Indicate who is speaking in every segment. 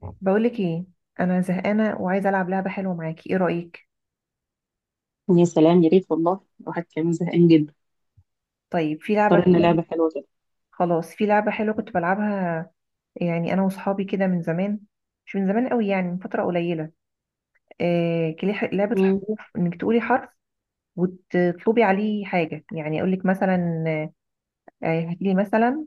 Speaker 1: بقولك ايه؟ انا زهقانه وعايزه العب لعبه حلوه معاكي، ايه رايك؟
Speaker 2: يا سلام يا ريت والله. الواحد كان زهقان جدا.
Speaker 1: طيب في لعبه
Speaker 2: اختار لنا
Speaker 1: كده.
Speaker 2: لعبة حلوة كده.
Speaker 1: خلاص، في لعبه حلوه كنت بلعبها، يعني انا وصحابي كده من زمان. مش من زمان قوي، يعني من فتره قليله. لعبه
Speaker 2: مم.
Speaker 1: الحروف، انك تقولي حرف وتطلبي عليه حاجه. يعني اقول لك مثلا، هاتي لي مثلا.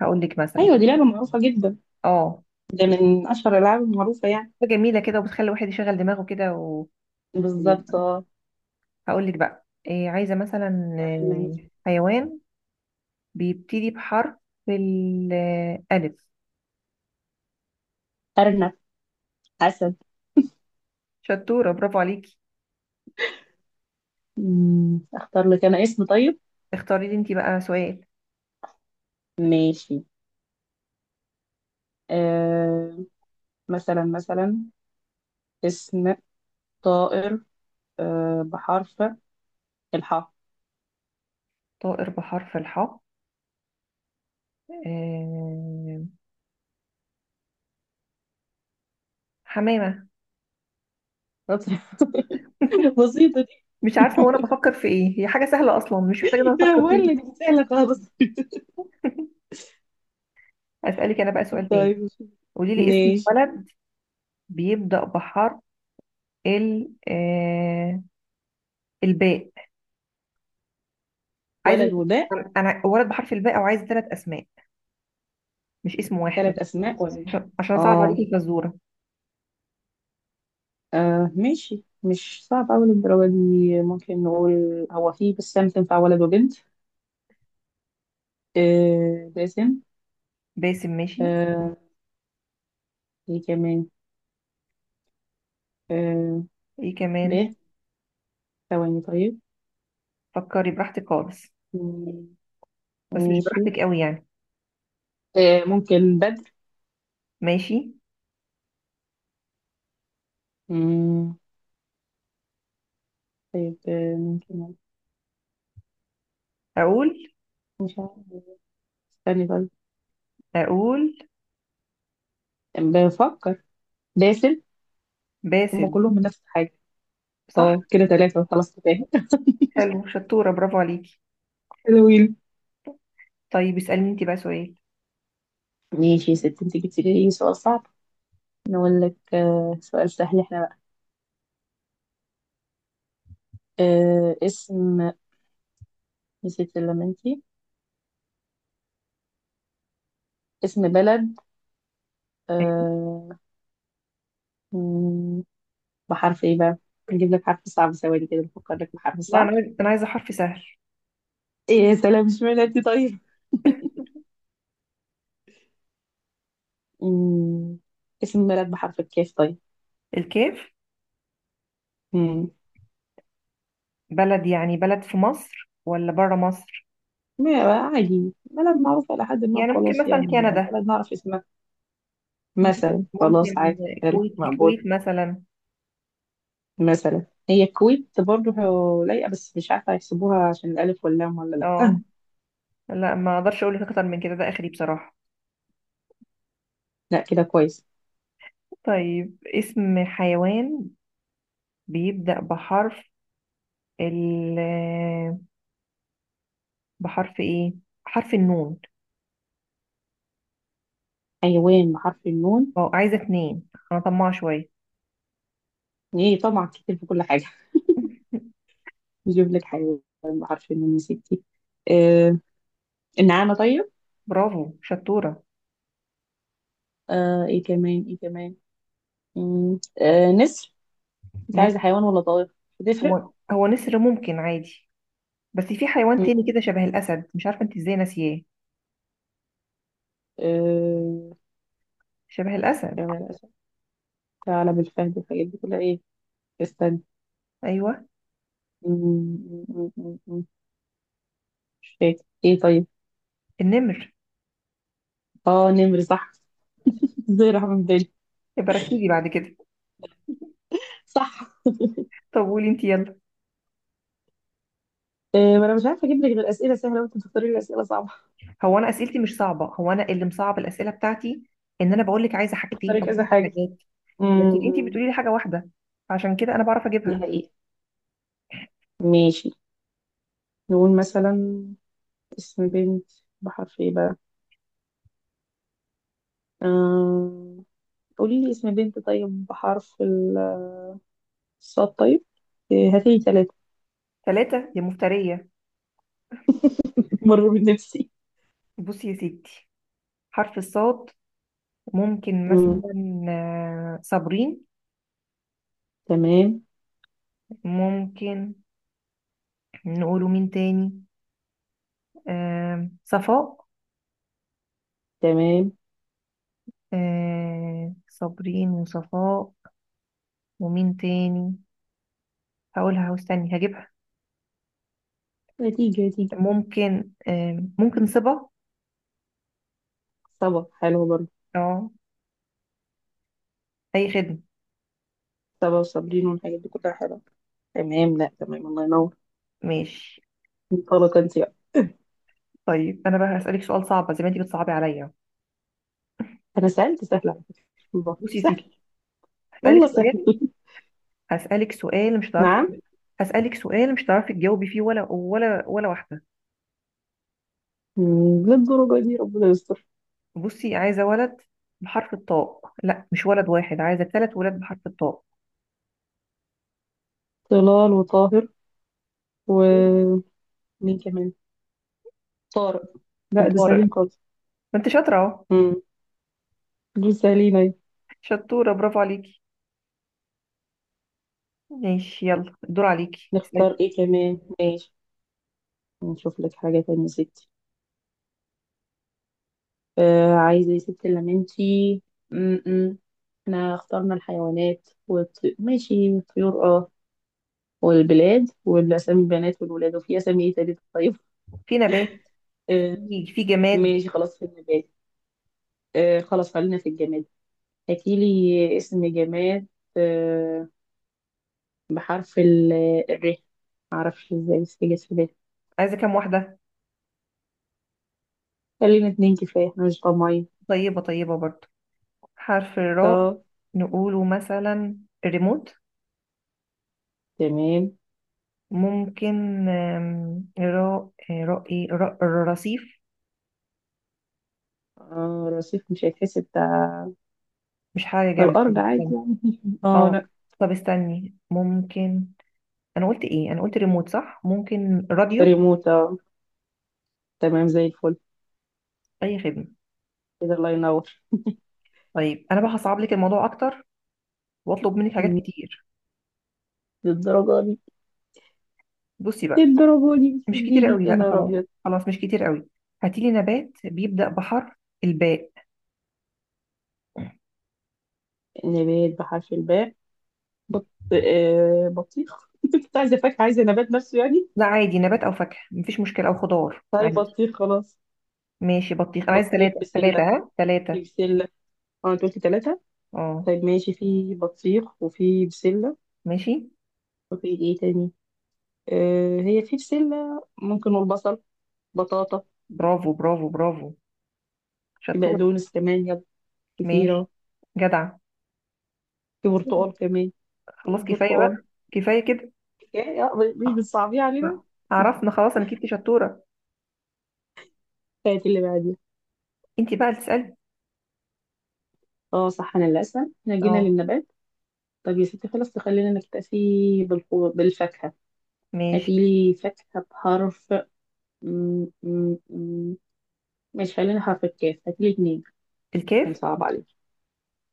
Speaker 1: هقول لك مثلا
Speaker 2: ايوه، دي لعبة معروفة جدا.
Speaker 1: اه،
Speaker 2: ده من اشهر الالعاب المعروفة يعني.
Speaker 1: حاجة جميله كده وبتخلي الواحد يشغل دماغه كده
Speaker 2: بالظبط
Speaker 1: ويبقى-
Speaker 2: اه.
Speaker 1: هقول لك بقى، عايزه مثلا،
Speaker 2: تمام ماشي.
Speaker 1: حيوان بيبتدي بحرف الألف.
Speaker 2: ارنب. اسد.
Speaker 1: شطورة، برافو عليكي.
Speaker 2: مم. اختار لك انا اسم طيب.
Speaker 1: اختاري لي انتي بقى سؤال.
Speaker 2: ماشي. آه. مثلا اسم طائر، بحرف الحاء.
Speaker 1: طائر بحرف الحاء؟ آه... حمامة.
Speaker 2: بسيطة دي.
Speaker 1: مش عارفة وانا بفكر في ايه، هي حاجة سهلة اصلا، مش محتاجة ان انا افكر فيها.
Speaker 2: ولا دي سهلة خالص.
Speaker 1: اسألك انا بقى سؤال تاني.
Speaker 2: طيب
Speaker 1: قولي لي اسم
Speaker 2: ماشي.
Speaker 1: ولد بيبدأ بحرف ال آه... الباء. عايزة،
Speaker 2: ولد وباء.
Speaker 1: انا ولد بحرف الباء، او عايزة ثلاث اسماء مش اسم واحد،
Speaker 2: ثلاث اسماء وزي.
Speaker 1: عشان اصعب
Speaker 2: اه،
Speaker 1: عليكي الفزورة.
Speaker 2: ماشي، مش صعب أوي للدرجة دي. ممكن نقول، هو في بسام تنفع ولد وبنت. باسم.
Speaker 1: باسم، ماشي.
Speaker 2: آه. ايه كمان. آه.
Speaker 1: ايه
Speaker 2: ب.
Speaker 1: كمان؟
Speaker 2: ثواني طيب.
Speaker 1: فكري براحتك خالص،
Speaker 2: مم،
Speaker 1: بس مش
Speaker 2: ماشي.
Speaker 1: براحتك قوي يعني.
Speaker 2: ممكن بدر.
Speaker 1: ماشي.
Speaker 2: مم، طيب، ممكن.
Speaker 1: اقول؟
Speaker 2: مش عارف. استني طيب.
Speaker 1: اقول
Speaker 2: بفكر. باسم. هم
Speaker 1: باسل.
Speaker 2: كلهم من نفس الحاجة.
Speaker 1: صح،
Speaker 2: اه كده ثلاثة،
Speaker 1: مظبوط.
Speaker 2: خلاص كفاية.
Speaker 1: حلو، شطورة، برافو عليكي.
Speaker 2: حلوين.
Speaker 1: طيب اسألني انت بقى سؤال.
Speaker 2: ماشي يا ستي، انت جبتي لي سؤال صعب. نقول لك سؤال سهل احنا بقى. اسم. نسيت اللي انتي. اسم بلد. آه... مم، بحرف ايه بقى؟ نجيب لك حرف صعب، ثواني كده بفكر لك بحرف
Speaker 1: لا
Speaker 2: صعب.
Speaker 1: انا عايز- انا عايزة حرف سهل.
Speaker 2: ايه يا سلام، مش بلدي طيب. مم، اسم بلد بحرف الكاف طيب.
Speaker 1: الكاف؟
Speaker 2: مم،
Speaker 1: بلد يعني بلد في مصر ولا بره مصر؟
Speaker 2: ما بقى عادي بلد معروفة لحد ما،
Speaker 1: يعني ممكن
Speaker 2: خلاص
Speaker 1: مثلا
Speaker 2: يعني.
Speaker 1: كندا،
Speaker 2: بلد نعرف اسمها
Speaker 1: مم-
Speaker 2: مثلا،
Speaker 1: ممكن
Speaker 2: خلاص عادي، حلو
Speaker 1: الكويت
Speaker 2: مقبول.
Speaker 1: الكويت مثلا.
Speaker 2: مثلا هي الكويت برضه، لايقة، بس مش عارفة هيحسبوها عشان الألف واللام ولا لأ.
Speaker 1: اه، لا ما اقدرش اقول لك اكتر من كده، ده اخري بصراحة.
Speaker 2: لا كده كويس.
Speaker 1: طيب اسم حيوان بيبدأ بحرف ال، بحرف ايه؟ حرف النون.
Speaker 2: حيوان بحرف النون.
Speaker 1: اه عايزة اتنين، انا طماعة شوية.
Speaker 2: ايه طبعا، كتير في كل حاجة. نجيب لك حيوان. بعرف انه ستي. آه. النعامة طيب.
Speaker 1: برافو شطورة.
Speaker 2: ايه كمان، ايه كمان. نسر. انت عايزة
Speaker 1: نس...
Speaker 2: حيوان ولا طائر؟ بتفرق.
Speaker 1: هو نسر ممكن عادي، بس في حيوان
Speaker 2: مم،
Speaker 1: تاني كده شبه الأسد، مش عارفة انت ازاي ناسياه.
Speaker 2: آه
Speaker 1: شبه الأسد.
Speaker 2: حيوان أسد، ثعلب، الفهد، الحاجات دي كلها ايه. استنى.
Speaker 1: أيوه،
Speaker 2: مم، مم، مم، مم، مم، مش فاكر ايه طيب.
Speaker 1: النمر.
Speaker 2: اه نمر، صح. ازاي راح من بالي.
Speaker 1: يبقى ركزي بعد كده.
Speaker 2: صح.
Speaker 1: طب قولي انت يلا.
Speaker 2: ما انا مش عارفه اجيب لك غير اسئله سهله، وانت بتختاري لي اسئله صعبه.
Speaker 1: هو أنا أسئلتي مش صعبة، هو أنا اللي مصعب الأسئلة بتاعتي. إن أنا بقول لك عايزة حاجتين
Speaker 2: تختاري
Speaker 1: أو
Speaker 2: كذا
Speaker 1: ثلاث
Speaker 2: حاجه.
Speaker 1: حاجات، لكن انت
Speaker 2: امم
Speaker 1: بتقولي لي حاجة واحدة، عشان كده أنا بعرف
Speaker 2: دي
Speaker 1: أجيبها.
Speaker 2: حقيقة. ماشي. نقول مثلا اسم بنت، بحرف ايه بقى؟ آه... قولي لي اسم بنت طيب بحرف الصاد طيب. هاتي ثلاثة.
Speaker 1: ثلاثة يا مفترية.
Speaker 2: مر بنفسي.
Speaker 1: بصي يا ستي، حرف الصاد. ممكن
Speaker 2: مم.
Speaker 1: مثلا، صابرين.
Speaker 2: تمام.
Speaker 1: ممكن. نقوله مين تاني؟ صفاء.
Speaker 2: تمام.
Speaker 1: آه، صابرين وصفاء. ومين تاني؟ هقولها واستني هجيبها.
Speaker 2: نتيجة نتيجة.
Speaker 1: ممكن، ممكن صبا.
Speaker 2: صبا حلوة برضه.
Speaker 1: اه، اي خدمة.
Speaker 2: صبا وصابرين والحاجات دي كلها حلوة. تمام. لا، تمام، الله ينور.
Speaker 1: ماشي.
Speaker 2: انطلق انت بقى.
Speaker 1: طيب انا بقى هسألك سؤال صعب زي ما انتي بتصعبي عليا.
Speaker 2: انا سألت سهل على فكرة. والله
Speaker 1: بصي يا ستي،
Speaker 2: سهل.
Speaker 1: هسألك
Speaker 2: والله سهل.
Speaker 1: سؤال. هسألك سؤال مش هتعرفي.
Speaker 2: نعم.
Speaker 1: هسألك سؤال مش هتعرفي تجاوبي فيه ولا واحدة.
Speaker 2: للدرجة دي ربنا يستر.
Speaker 1: بصي، عايزة ولد بحرف الطاء، لا مش ولد واحد، عايزة ثلاث ولاد بحرف الطاء.
Speaker 2: طلال وطاهر. ومين كمان؟ طارق. لا، ده
Speaker 1: وطارق،
Speaker 2: سهلين خالص.
Speaker 1: ما انت شاطرة اهو.
Speaker 2: مم. بصي يا لينا.
Speaker 1: شطورة، برافو عليكي. ماشي، يلا الدور عليكي
Speaker 2: نختار
Speaker 1: اسألي.
Speaker 2: ايه كمان، ماشي. نشوف لك حاجة تانية يا ستي. عايزة يا ستي لما انتي م-م. احنا اخترنا الحيوانات ماشي، الطيور اه، والبلاد، والاسامي البنات والولاد، وفي اسامي ايه تالت طيب.
Speaker 1: في نبات،
Speaker 2: آه
Speaker 1: في جماد.
Speaker 2: ماشي خلاص، في النبات. خلاص، خلينا في الجماد. هاتيلي اسم جماد، آه بحرف الر. معرفش ازاي بس هي جت في بالي.
Speaker 1: عايزة كام واحدة؟
Speaker 2: خلينا اتنين كفايه، احنا مش طماعين.
Speaker 1: طيبة برضو. حرف الراء،
Speaker 2: اه.
Speaker 1: نقوله مثلا الريموت.
Speaker 2: تمام.
Speaker 1: ممكن، راء، راء ايه، راء الرصيف.
Speaker 2: رصيف مش هيتحسب بتاع؟
Speaker 1: مش حاجة
Speaker 2: ده
Speaker 1: جامدة، طب
Speaker 2: الأرض عادي
Speaker 1: استني.
Speaker 2: يعني. اه
Speaker 1: اه،
Speaker 2: لا.
Speaker 1: طب استني. ممكن، انا قلت ايه؟ انا قلت ريموت صح، ممكن راديو.
Speaker 2: ريموت تمام زي الفل.
Speaker 1: اي خدمة.
Speaker 2: كده الله ينور.
Speaker 1: طيب انا بقى هصعب لك الموضوع اكتر، واطلب منك حاجات
Speaker 2: مم،
Speaker 1: كتير.
Speaker 2: للدرجة دي.
Speaker 1: بصي بقى،
Speaker 2: للدرجة دي مش
Speaker 1: مش كتير
Speaker 2: تديني
Speaker 1: قوي،
Speaker 2: يا
Speaker 1: لا
Speaker 2: نهار
Speaker 1: خلاص،
Speaker 2: أبيض.
Speaker 1: خلاص مش كتير قوي. هاتي لي نبات بيبدأ بحرف الباء.
Speaker 2: نبات بحرف الباء. بط... آه بطيخ. انت كنت عايزة فاكهة، عايزة نبات نفسه يعني.
Speaker 1: لا عادي، نبات او فاكهة مفيش مشكلة، او خضار
Speaker 2: طيب
Speaker 1: عادي.
Speaker 2: بطيخ خلاص.
Speaker 1: ماشي، بطيخ. انا عايز
Speaker 2: بطيخ،
Speaker 1: ثلاثة، ثلاثة،
Speaker 2: بسلة.
Speaker 1: ها،
Speaker 2: في
Speaker 1: ثلاثة.
Speaker 2: بسلة. اه انت قلت تلاتة.
Speaker 1: اه،
Speaker 2: طيب ماشي، في بطيخ وفي بسلة.
Speaker 1: ماشي.
Speaker 2: وفي ايه تاني؟ هي في بسلة ممكن، والبصل. بطاطا.
Speaker 1: برافو، برافو، برافو،
Speaker 2: في
Speaker 1: شطور.
Speaker 2: بقدونس كمان، يلا.
Speaker 1: ماشي،
Speaker 2: كتير.
Speaker 1: جدع.
Speaker 2: في برتقال كمان.
Speaker 1: خلاص كفاية
Speaker 2: برتقال.
Speaker 1: بقى، كفاية كده.
Speaker 2: يا- يا- مش
Speaker 1: آه،
Speaker 2: بتصعبيه علينا.
Speaker 1: آه. عرفنا خلاص، انا كيفتي شطورة.
Speaker 2: كانت اللي بعديها.
Speaker 1: انت بقى اللي تسألي.
Speaker 2: اه صح، انا اللي اسال، احنا جينا
Speaker 1: اه،
Speaker 2: للنبات. طب يا ستي خلاص، تخلينا نكتفي بالخضر بالفاكهه.
Speaker 1: ماشي.
Speaker 2: هاتيلي فاكهه بحرف م- م- م- مش، خلينا حرف الكاف، هاتيلي اتنين. مش
Speaker 1: الكاف؟
Speaker 2: هنصعب عليك.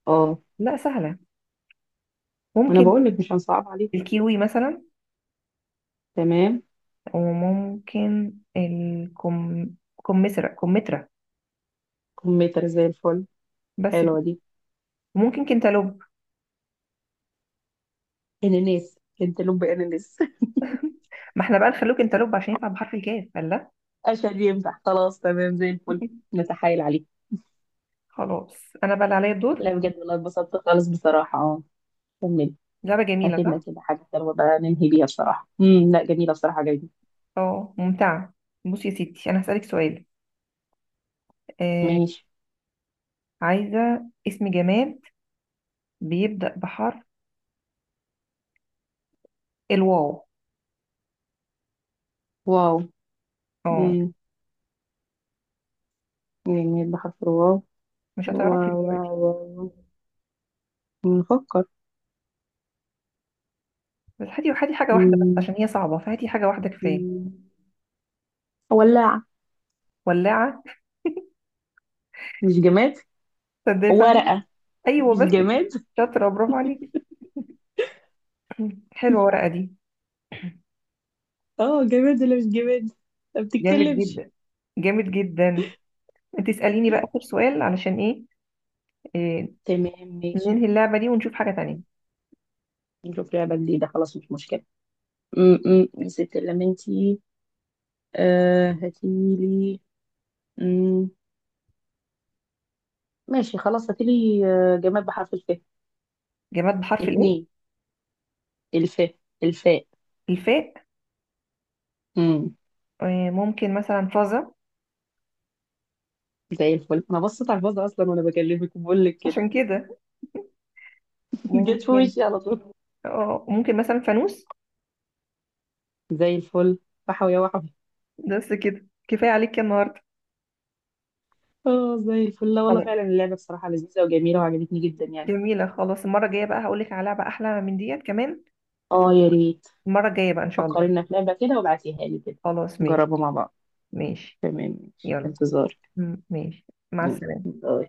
Speaker 2: اه.
Speaker 1: لا سهلة.
Speaker 2: انا
Speaker 1: ممكن
Speaker 2: بقول لك مش هنصعب عليك.
Speaker 1: الكيوي مثلا،
Speaker 2: تمام.
Speaker 1: وممكن كمثرى، كمثرى.
Speaker 2: كمبيوتر، زي الفل.
Speaker 1: بس كده.
Speaker 2: حلوه دي.
Speaker 1: ممكن كنتالوب.
Speaker 2: اناناس، كنتالوب، اناناس.
Speaker 1: ما احنا بقى نخلوه كنتالوب عشان يطلع بحرف الكاف، قال لا.
Speaker 2: اشهد ينفع، خلاص تمام زي الفل. نتحايل عليك.
Speaker 1: خلاص انا بقى اللي عليا الدور.
Speaker 2: لا بجد والله، اتبسطت خالص بصراحه اه. كملي.
Speaker 1: لعبة جميلة صح؟
Speaker 2: هتبقى كده حاجة حلوة بقى ننهي بيها بصراحة. لا، جميلة بصراحة، جميلة.
Speaker 1: اه، ممتعة. بصي يا ستي، انا هسألك سؤال. آه،
Speaker 2: ماشي.
Speaker 1: عايزة اسم جماد بيبدأ بحرف الواو.
Speaker 2: واو.
Speaker 1: اه
Speaker 2: امم جميل بحرف الواو.
Speaker 1: مش هتعرفي
Speaker 2: واو
Speaker 1: دلوقتي.
Speaker 2: واو واو واو. نفكر.
Speaker 1: بس هاتي، هاتي حاجة واحدة بس،
Speaker 2: امم
Speaker 1: عشان هي صعبة، فهاتي حاجة واحدة كفاية.
Speaker 2: أمم. ولاعة.
Speaker 1: ولاعة؟
Speaker 2: مش جماد.
Speaker 1: تصدقي فعلا.
Speaker 2: ورقة.
Speaker 1: ايوه،
Speaker 2: مش
Speaker 1: بس كده.
Speaker 2: جماد.
Speaker 1: شاطرة، برافو عليكي. حلوة ورقة دي.
Speaker 2: اه، جماد ولا مش جماد؟ ما
Speaker 1: جامد
Speaker 2: بتتكلمش.
Speaker 1: جدا، جامد جدا. انت اسأليني بقى آخر سؤال، علشان ايه؟ إيه،
Speaker 2: تمام ماشي.
Speaker 1: ننهي اللعبة دي ونشوف حاجة تانية.
Speaker 2: نشوف لعبة جديدة، خلاص مش مشكلة. يا ست لما انتي. آه هاتيلي. امم ماشي خلاص، هاتيلي جماد بحرف الف.
Speaker 1: جماد بحرف الايه؟
Speaker 2: اتنين. الفاء. الفاء.
Speaker 1: الفاء.
Speaker 2: امم
Speaker 1: إيه؟ ممكن مثلا فازة.
Speaker 2: زي الفل، انا بصيت على الفاضي اصلا وانا بكلمك وبقول لك كده.
Speaker 1: عشان كده.
Speaker 2: جت في
Speaker 1: ممكن،
Speaker 2: وشي على طول.
Speaker 1: اه ممكن مثلا فانوس.
Speaker 2: زي الفل. وحوي يا وحوي.
Speaker 1: بس كده، كفاية عليك يا النهاردة.
Speaker 2: اه زي الفل. لا والله
Speaker 1: خلاص،
Speaker 2: فعلا، اللعبه بصراحه لذيذه وجميله وعجبتني جدا يعني.
Speaker 1: جميلة. خلاص المرة الجاية بقى هقول لك على لعبة أحلى من ديت كمان.
Speaker 2: اه يا ريت.
Speaker 1: المرة الجاية بقى إن شاء الله.
Speaker 2: فكرينا في لعبه كده وابعتيها لي كده.
Speaker 1: خلاص ماشي.
Speaker 2: نجربها مع بعض.
Speaker 1: ماشي،
Speaker 2: تمام ماشي،
Speaker 1: يلا.
Speaker 2: انتظار.
Speaker 1: ماشي. مع
Speaker 2: مم.
Speaker 1: السلامة.
Speaker 2: باي.